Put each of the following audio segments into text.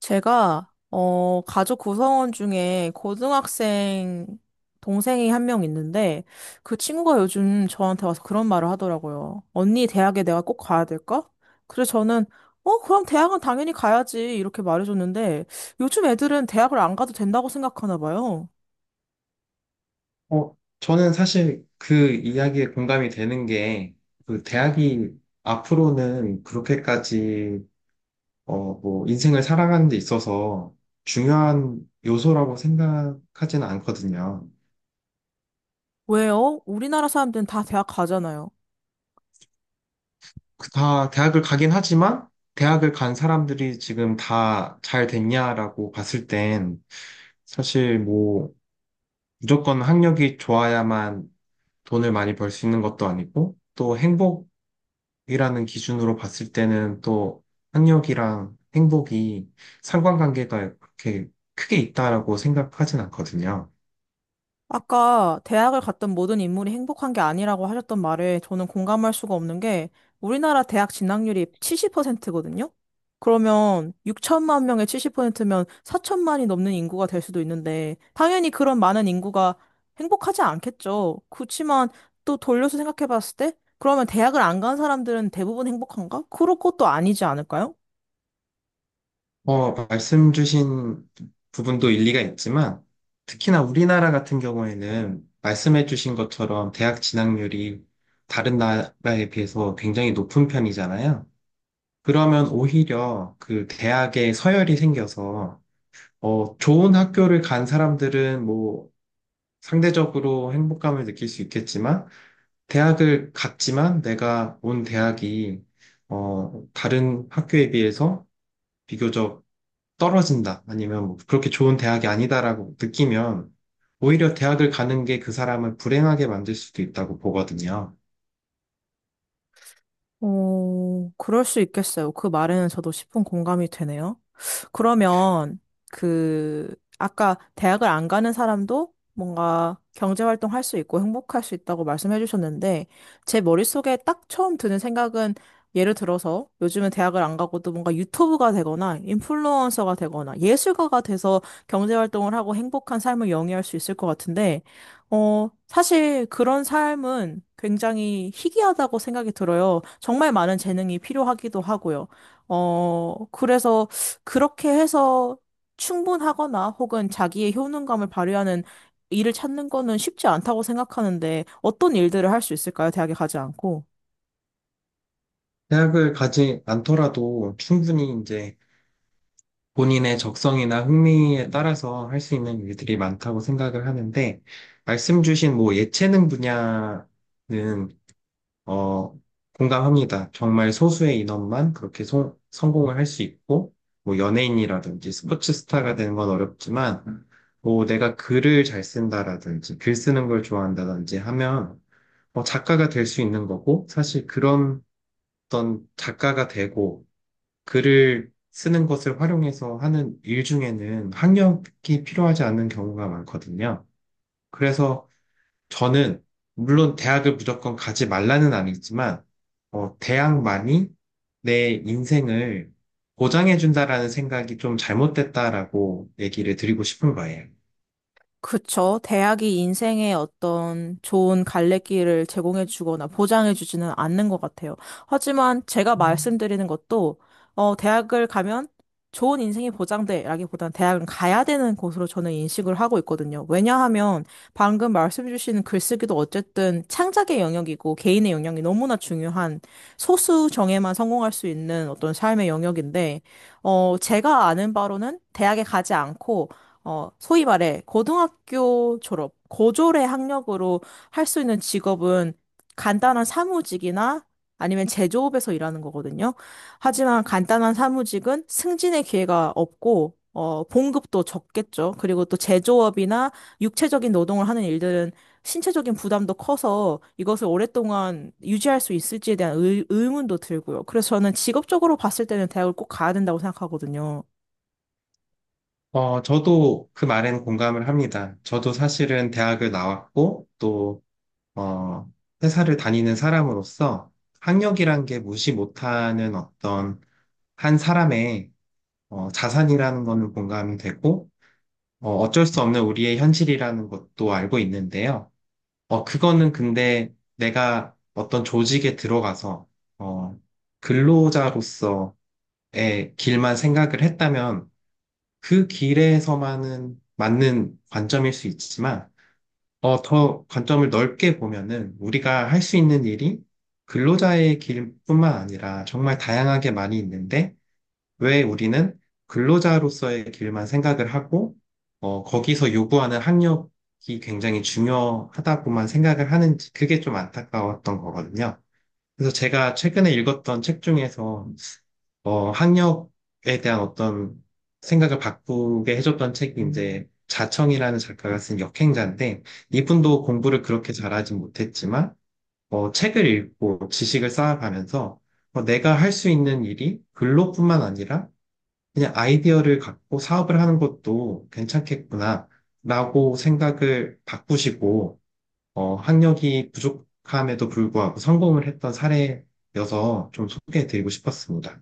제가 가족 구성원 중에 고등학생 동생이 한 명 있는데 그 친구가 요즘 저한테 와서 그런 말을 하더라고요. 언니, 대학에 내가 꼭 가야 될까? 그래서 저는 그럼 대학은 당연히 가야지 이렇게 말해줬는데 요즘 애들은 대학을 안 가도 된다고 생각하나 봐요. 어, 저는 사실 그 이야기에 공감이 되는 게, 그 대학이 앞으로는 그렇게까지, 뭐, 인생을 살아가는 데 있어서 중요한 요소라고 생각하지는 않거든요. 왜요? 우리나라 사람들은 다 대학 가잖아요. 그다 대학을 가긴 하지만, 대학을 간 사람들이 지금 다 잘 됐냐라고 봤을 땐, 사실 뭐, 무조건 학력이 좋아야만 돈을 많이 벌 수 있는 것도 아니고, 또 행복, 이라는 기준으로 봤을 때는 또 학력이랑 행복이 상관관계가 그렇게 크게 있다라고 생각하진 않거든요. 아까 대학을 갔던 모든 인물이 행복한 게 아니라고 하셨던 말에 저는 공감할 수가 없는 게, 우리나라 대학 진학률이 70%거든요? 그러면 6천만 명의 70%면 4천만이 넘는 인구가 될 수도 있는데 당연히 그런 많은 인구가 행복하지 않겠죠. 그렇지만 또 돌려서 생각해 봤을 때, 그러면 대학을 안 간 사람들은 대부분 행복한가? 그럴 것도 아니지 않을까요? 말씀 주신 부분도 일리가 있지만 특히나 우리나라 같은 경우에는 말씀해 주신 것처럼 대학 진학률이 다른 나라에 비해서 굉장히 높은 편이잖아요. 그러면 오히려 그 대학에 서열이 생겨서 좋은 학교를 간 사람들은 뭐 상대적으로 행복감을 느낄 수 있겠지만, 대학을 갔지만 내가 온 대학이, 다른 학교에 비해서 비교적 떨어진다. 아니면 뭐 그렇게 좋은 대학이 아니다라고 느끼면, 오히려 대학을 가는 게 그 사람을 불행하게 만들 수도 있다고 보거든요. 어, 그럴 수 있겠어요. 그 말에는 저도 십분 공감이 되네요. 그러면 그 아까 대학을 안 가는 사람도 뭔가 경제 활동할 수 있고 행복할 수 있다고 말씀해 주셨는데 제 머릿속에 딱 처음 드는 생각은, 예를 들어서 요즘은 대학을 안 가고도 뭔가 유튜브가 되거나 인플루언서가 되거나 예술가가 돼서 경제 활동을 하고 행복한 삶을 영위할 수 있을 것 같은데, 사실 그런 삶은 굉장히 희귀하다고 생각이 들어요. 정말 많은 재능이 필요하기도 하고요. 그래서 그렇게 해서 충분하거나 혹은 자기의 효능감을 발휘하는 일을 찾는 거는 쉽지 않다고 생각하는데, 어떤 일들을 할 수 있을까요? 대학에 가지 않고. 대학을 가지 않더라도 충분히 이제 본인의 적성이나 흥미에 따라서 할 수 있는 일들이 많다고 생각을 하는데, 말씀 주신 뭐 예체능 분야는 어, 공감합니다. 정말 소수의 인원만 그렇게 성공을 할 수 있고, 뭐 연예인이라든지 스포츠 스타가 되는 건 어렵지만, 뭐 내가 글을 잘 쓴다라든지 글 쓰는 걸 좋아한다든지 하면 작가가 될 수 있는 거고, 사실 그런 어떤 작가가 되고 글을 쓰는 것을 활용해서 하는 일 중에는 학력이 필요하지 않은 경우가 많거든요. 그래서 저는 물론 대학을 무조건 가지 말라는 아니지만 대학만이 내 인생을 보장해 준다라는 생각이 좀 잘못됐다라고 얘기를 드리고 싶은 거예요. 그쵸. 대학이 인생의 어떤 좋은 갈래길을 제공해 주거나 보장해 주지는 않는 것 같아요. 하지만 제가 말씀드리는 것도, 어, 대학을 가면 좋은 인생이 보장돼라기보다는 대학은 가야 되는 곳으로 저는 인식을 하고 있거든요. 왜냐하면 방금 말씀 주신 글쓰기도 어쨌든 창작의 영역이고 개인의 영역이 너무나 중요한, 소수 정예만 성공할 수 있는 어떤 삶의 영역인데, 어, 제가 아는 바로는 대학에 가지 않고, 어, 소위 말해 고등학교 졸업, 고졸의 학력으로 할 수 있는 직업은 간단한 사무직이나 아니면 제조업에서 일하는 거거든요. 하지만 간단한 사무직은 승진의 기회가 없고, 어, 봉급도 적겠죠. 그리고 또 제조업이나 육체적인 노동을 하는 일들은 신체적인 부담도 커서 이것을 오랫동안 유지할 수 있을지에 대한 의문도 들고요. 그래서 저는 직업적으로 봤을 때는 대학을 꼭 가야 된다고 생각하거든요. 저도 그 말에는 공감을 합니다. 저도 사실은 대학을 나왔고 또 어, 회사를 다니는 사람으로서 학력이란 게 무시 못하는 어떤 한 사람의 자산이라는 거는 공감이 되고 어쩔 수 없는 우리의 현실이라는 것도 알고 있는데요. 그거는 근데 내가 어떤 조직에 들어가서, 어, 근로자로서의 길만 생각을 했다면 그 길에서만은 맞는 관점일 수 있지만, 더 관점을 넓게 보면은 우리가 할 수 있는 일이 근로자의 길뿐만 아니라 정말 다양하게 많이 있는데, 왜 우리는 근로자로서의 길만 생각을 하고, 거기서 요구하는 학력이 굉장히 중요하다고만 생각을 하는지 그게 좀 안타까웠던 거거든요. 그래서 제가 최근에 읽었던 책 중에서, 학력에 대한 어떤 생각을 바꾸게 해줬던 책이 이제 자청이라는 작가가 쓴 역행자인데, 이분도 공부를 그렇게 잘하진 못했지만, 책을 읽고 지식을 쌓아가면서, 내가 할 수 있는 일이 근로뿐만 아니라 그냥 아이디어를 갖고 사업을 하는 것도 괜찮겠구나, 라고 생각을 바꾸시고, 학력이 부족함에도 불구하고 성공을 했던 사례여서 좀 소개해드리고 싶었습니다.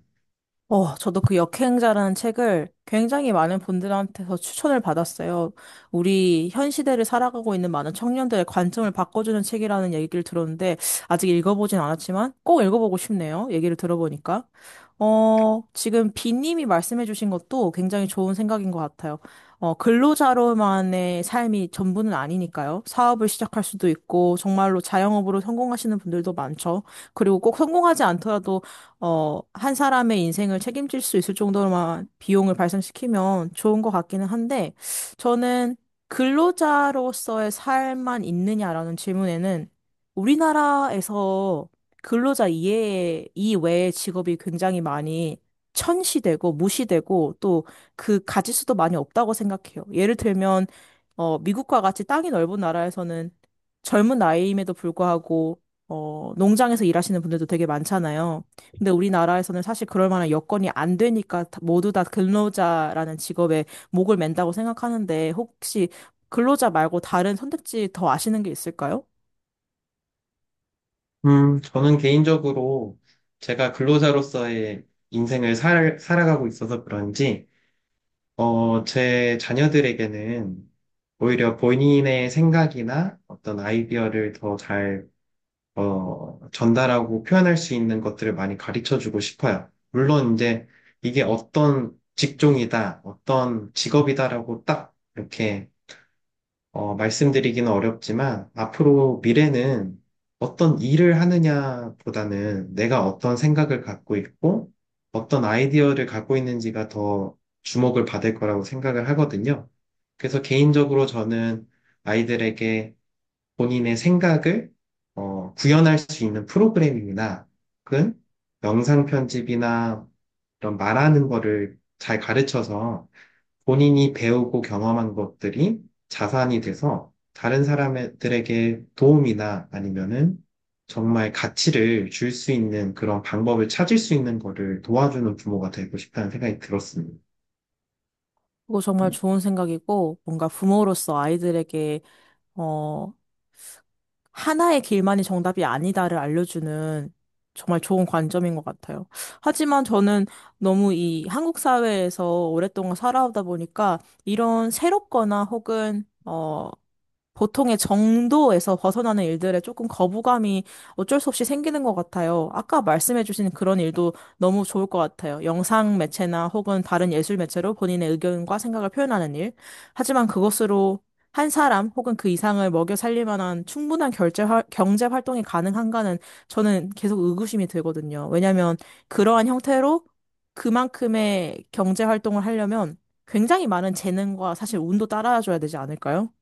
어, 저도 그 역행자라는 책을 굉장히 많은 분들한테서 추천을 받았어요. 우리 현 시대를 살아가고 있는 많은 청년들의 관점을 바꿔주는 책이라는 얘기를 들었는데, 아직 읽어보진 않았지만, 꼭 읽어보고 싶네요. 얘기를 들어보니까. 어, 지금 비님이 말씀해주신 것도 굉장히 좋은 생각인 것 같아요. 어, 근로자로만의 삶이 전부는 아니니까요. 사업을 시작할 수도 있고, 정말로 자영업으로 성공하시는 분들도 많죠. 그리고 꼭 성공하지 않더라도 어, 한 사람의 인생을 책임질 수 있을 정도로만 비용을 발생시키면 좋은 것 같기는 한데, 저는 근로자로서의 삶만 있느냐라는 질문에는 우리나라에서 근로자 이외에, 이외의 직업이 굉장히 많이 천시되고 무시되고 또 그 가짓수도 많이 없다고 생각해요. 예를 들면, 어, 미국과 같이 땅이 넓은 나라에서는 젊은 나이임에도 불구하고, 어, 농장에서 일하시는 분들도 되게 많잖아요. 근데 우리나라에서는 사실 그럴 만한 여건이 안 되니까 모두 다 근로자라는 직업에 목을 맨다고 생각하는데, 혹시 근로자 말고 다른 선택지 더 아시는 게 있을까요? 저는 개인적으로 제가 근로자로서의 인생을 살아가고 있어서 그런지, 제 자녀들에게는 오히려 본인의 생각이나 어떤 아이디어를 더잘 전달하고 표현할 수 있는 것들을 많이 가르쳐 주고 싶어요. 물론 이제 이게 어떤 직종이다, 어떤 직업이다라고 딱 이렇게 말씀드리기는 어렵지만 앞으로 미래는 어떤 일을 하느냐보다는 내가 어떤 생각을 갖고 있고 어떤 아이디어를 갖고 있는지가 더 주목을 받을 거라고 생각을 하거든요. 그래서 개인적으로 저는 아이들에게 본인의 생각을 구현할 수 있는 프로그램이나 혹은 영상 편집이나 이런 말하는 거를 잘 가르쳐서 본인이 배우고 경험한 것들이 자산이 돼서 다른 사람들에게 도움이나 아니면은 정말 가치를 줄 수 있는 그런 방법을 찾을 수 있는 거를 도와주는 부모가 되고 싶다는 생각이 들었습니다. 그거 정말 좋은 생각이고 뭔가 부모로서 아이들에게 어 하나의 길만이 정답이 아니다를 알려주는 정말 좋은 관점인 것 같아요. 하지만 저는 너무 이 한국 사회에서 오랫동안 살아오다 보니까 이런 새롭거나 혹은 어, 보통의 정도에서 벗어나는 일들에 조금 거부감이 어쩔 수 없이 생기는 것 같아요. 아까 말씀해주신 그런 일도 너무 좋을 것 같아요. 영상 매체나 혹은 다른 예술 매체로 본인의 의견과 생각을 표현하는 일. 하지만 그것으로 한 사람 혹은 그 이상을 먹여 살릴 만한 충분한 경제 활동이 가능한가는 저는 계속 의구심이 들거든요. 왜냐하면 그러한 형태로 그만큼의 경제 활동을 하려면 굉장히 많은 재능과 사실 운도 따라줘야 되지 않을까요?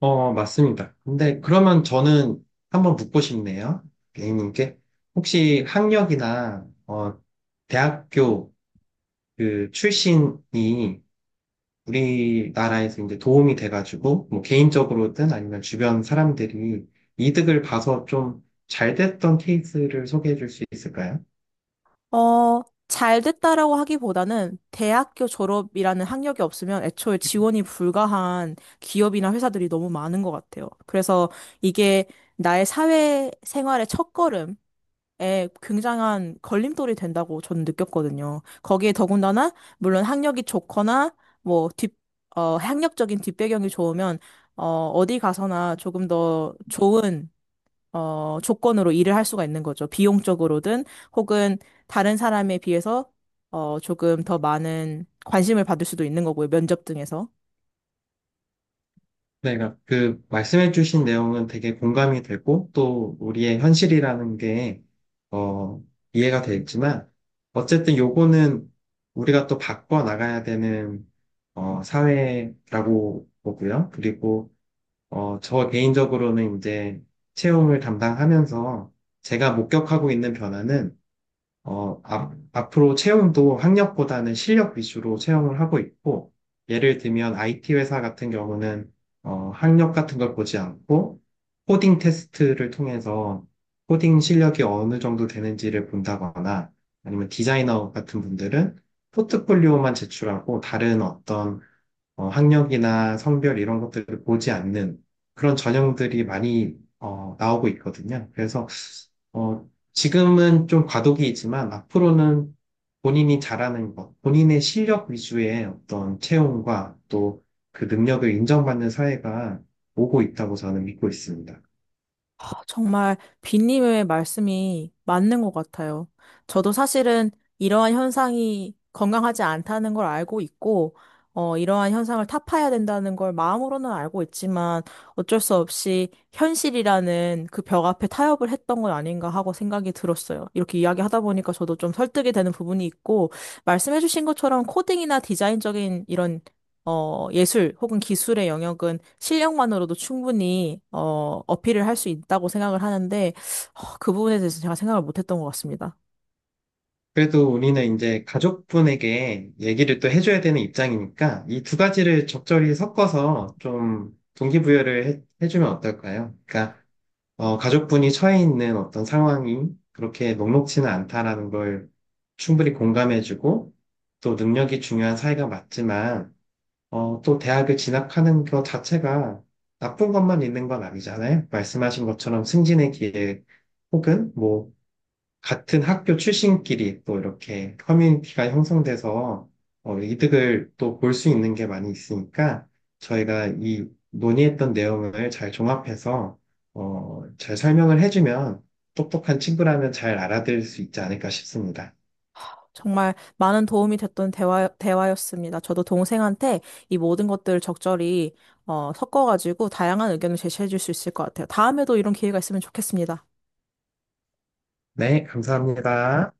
맞습니다. 근데 그러면 저는 한번 묻고 싶네요. A님께. 혹시 학력이나, 대학교 그 출신이 우리나라에서 이제 도움이 돼가지고, 뭐 개인적으로든 아니면 주변 사람들이 이득을 봐서 좀 잘 됐던 케이스를 소개해 줄 수 있을까요? 어, 잘 됐다라고 하기보다는 대학교 졸업이라는 학력이 없으면 애초에 지원이 불가한 기업이나 회사들이 너무 많은 것 같아요. 그래서 이게 나의 사회 생활의 첫걸음에 굉장한 걸림돌이 된다고 저는 느꼈거든요. 거기에 더군다나, 물론 학력이 좋거나, 뭐, 뒷, 어, 학력적인 뒷배경이 좋으면, 어, 어디 가서나 조금 더 좋은, 어, 조건으로 일을 할 수가 있는 거죠. 비용적으로든 혹은 다른 사람에 비해서, 어, 조금 더 많은 관심을 받을 수도 있는 거고요. 면접 등에서. 네, 그러니까 그 말씀해주신 내용은 되게 공감이 되고 또 우리의 현실이라는 게 어, 이해가 되지만 어쨌든 요거는 우리가 또 바꿔 나가야 되는 사회라고 보고요. 그리고 저 개인적으로는 이제 채용을 담당하면서 제가 목격하고 있는 변화는 앞으로 채용도 학력보다는 실력 위주로 채용을 하고 있고, 예를 들면 IT 회사 같은 경우는 학력 같은 걸 보지 않고, 코딩 테스트를 통해서 코딩 실력이 어느 정도 되는지를 본다거나, 아니면 디자이너 같은 분들은 포트폴리오만 제출하고 다른 어떤 학력이나 성별 이런 것들을 보지 않는 그런 전형들이 많이 나오고 있거든요. 그래서 어, 지금은 좀 과도기이지만 앞으로는 본인이 잘하는 것, 본인의 실력 위주의 어떤 채용과 또 그 능력을 인정받는 사회가 오고 있다고 저는 믿고 있습니다. 아, 정말 빈님의 말씀이 맞는 것 같아요. 저도 사실은 이러한 현상이 건강하지 않다는 걸 알고 있고, 어, 이러한 현상을 타파해야 된다는 걸 마음으로는 알고 있지만 어쩔 수 없이 현실이라는 그 벽 앞에 타협을 했던 건 아닌가 하고 생각이 들었어요. 이렇게 이야기하다 보니까 저도 좀 설득이 되는 부분이 있고, 말씀해주신 것처럼 코딩이나 디자인적인 이런, 어, 예술 혹은 기술의 영역은 실력만으로도 충분히 어, 어필을 할 수 있다고 생각을 하는데, 어, 그 부분에 대해서 제가 생각을 못했던 것 같습니다. 그래도 우리는 이제 가족분에게 얘기를 또 해줘야 되는 입장이니까 이 두 가지를 적절히 섞어서 좀 동기부여를 해주면 어떨까요? 그러니까 가족분이 처해 있는 어떤 상황이 그렇게 녹록지는 않다라는 걸 충분히 공감해주고 또 능력이 중요한 사이가 맞지만 또 대학을 진학하는 것 자체가 나쁜 것만 있는 건 아니잖아요. 말씀하신 것처럼 승진의 기회 혹은 뭐 같은 학교 출신끼리 또 이렇게 커뮤니티가 형성돼서 이득을 또 볼 수 있는 게 많이 있으니까 저희가 이 논의했던 내용을 잘 종합해서 잘 설명을 해주면 똑똑한 친구라면 잘 알아들을 수 있지 않을까 싶습니다. 정말 많은 도움이 됐던 대화였습니다. 저도 동생한테 이 모든 것들을 적절히, 어, 섞어가지고 다양한 의견을 제시해 줄 수 있을 것 같아요. 다음에도 이런 기회가 있으면 좋겠습니다. 네, 감사합니다.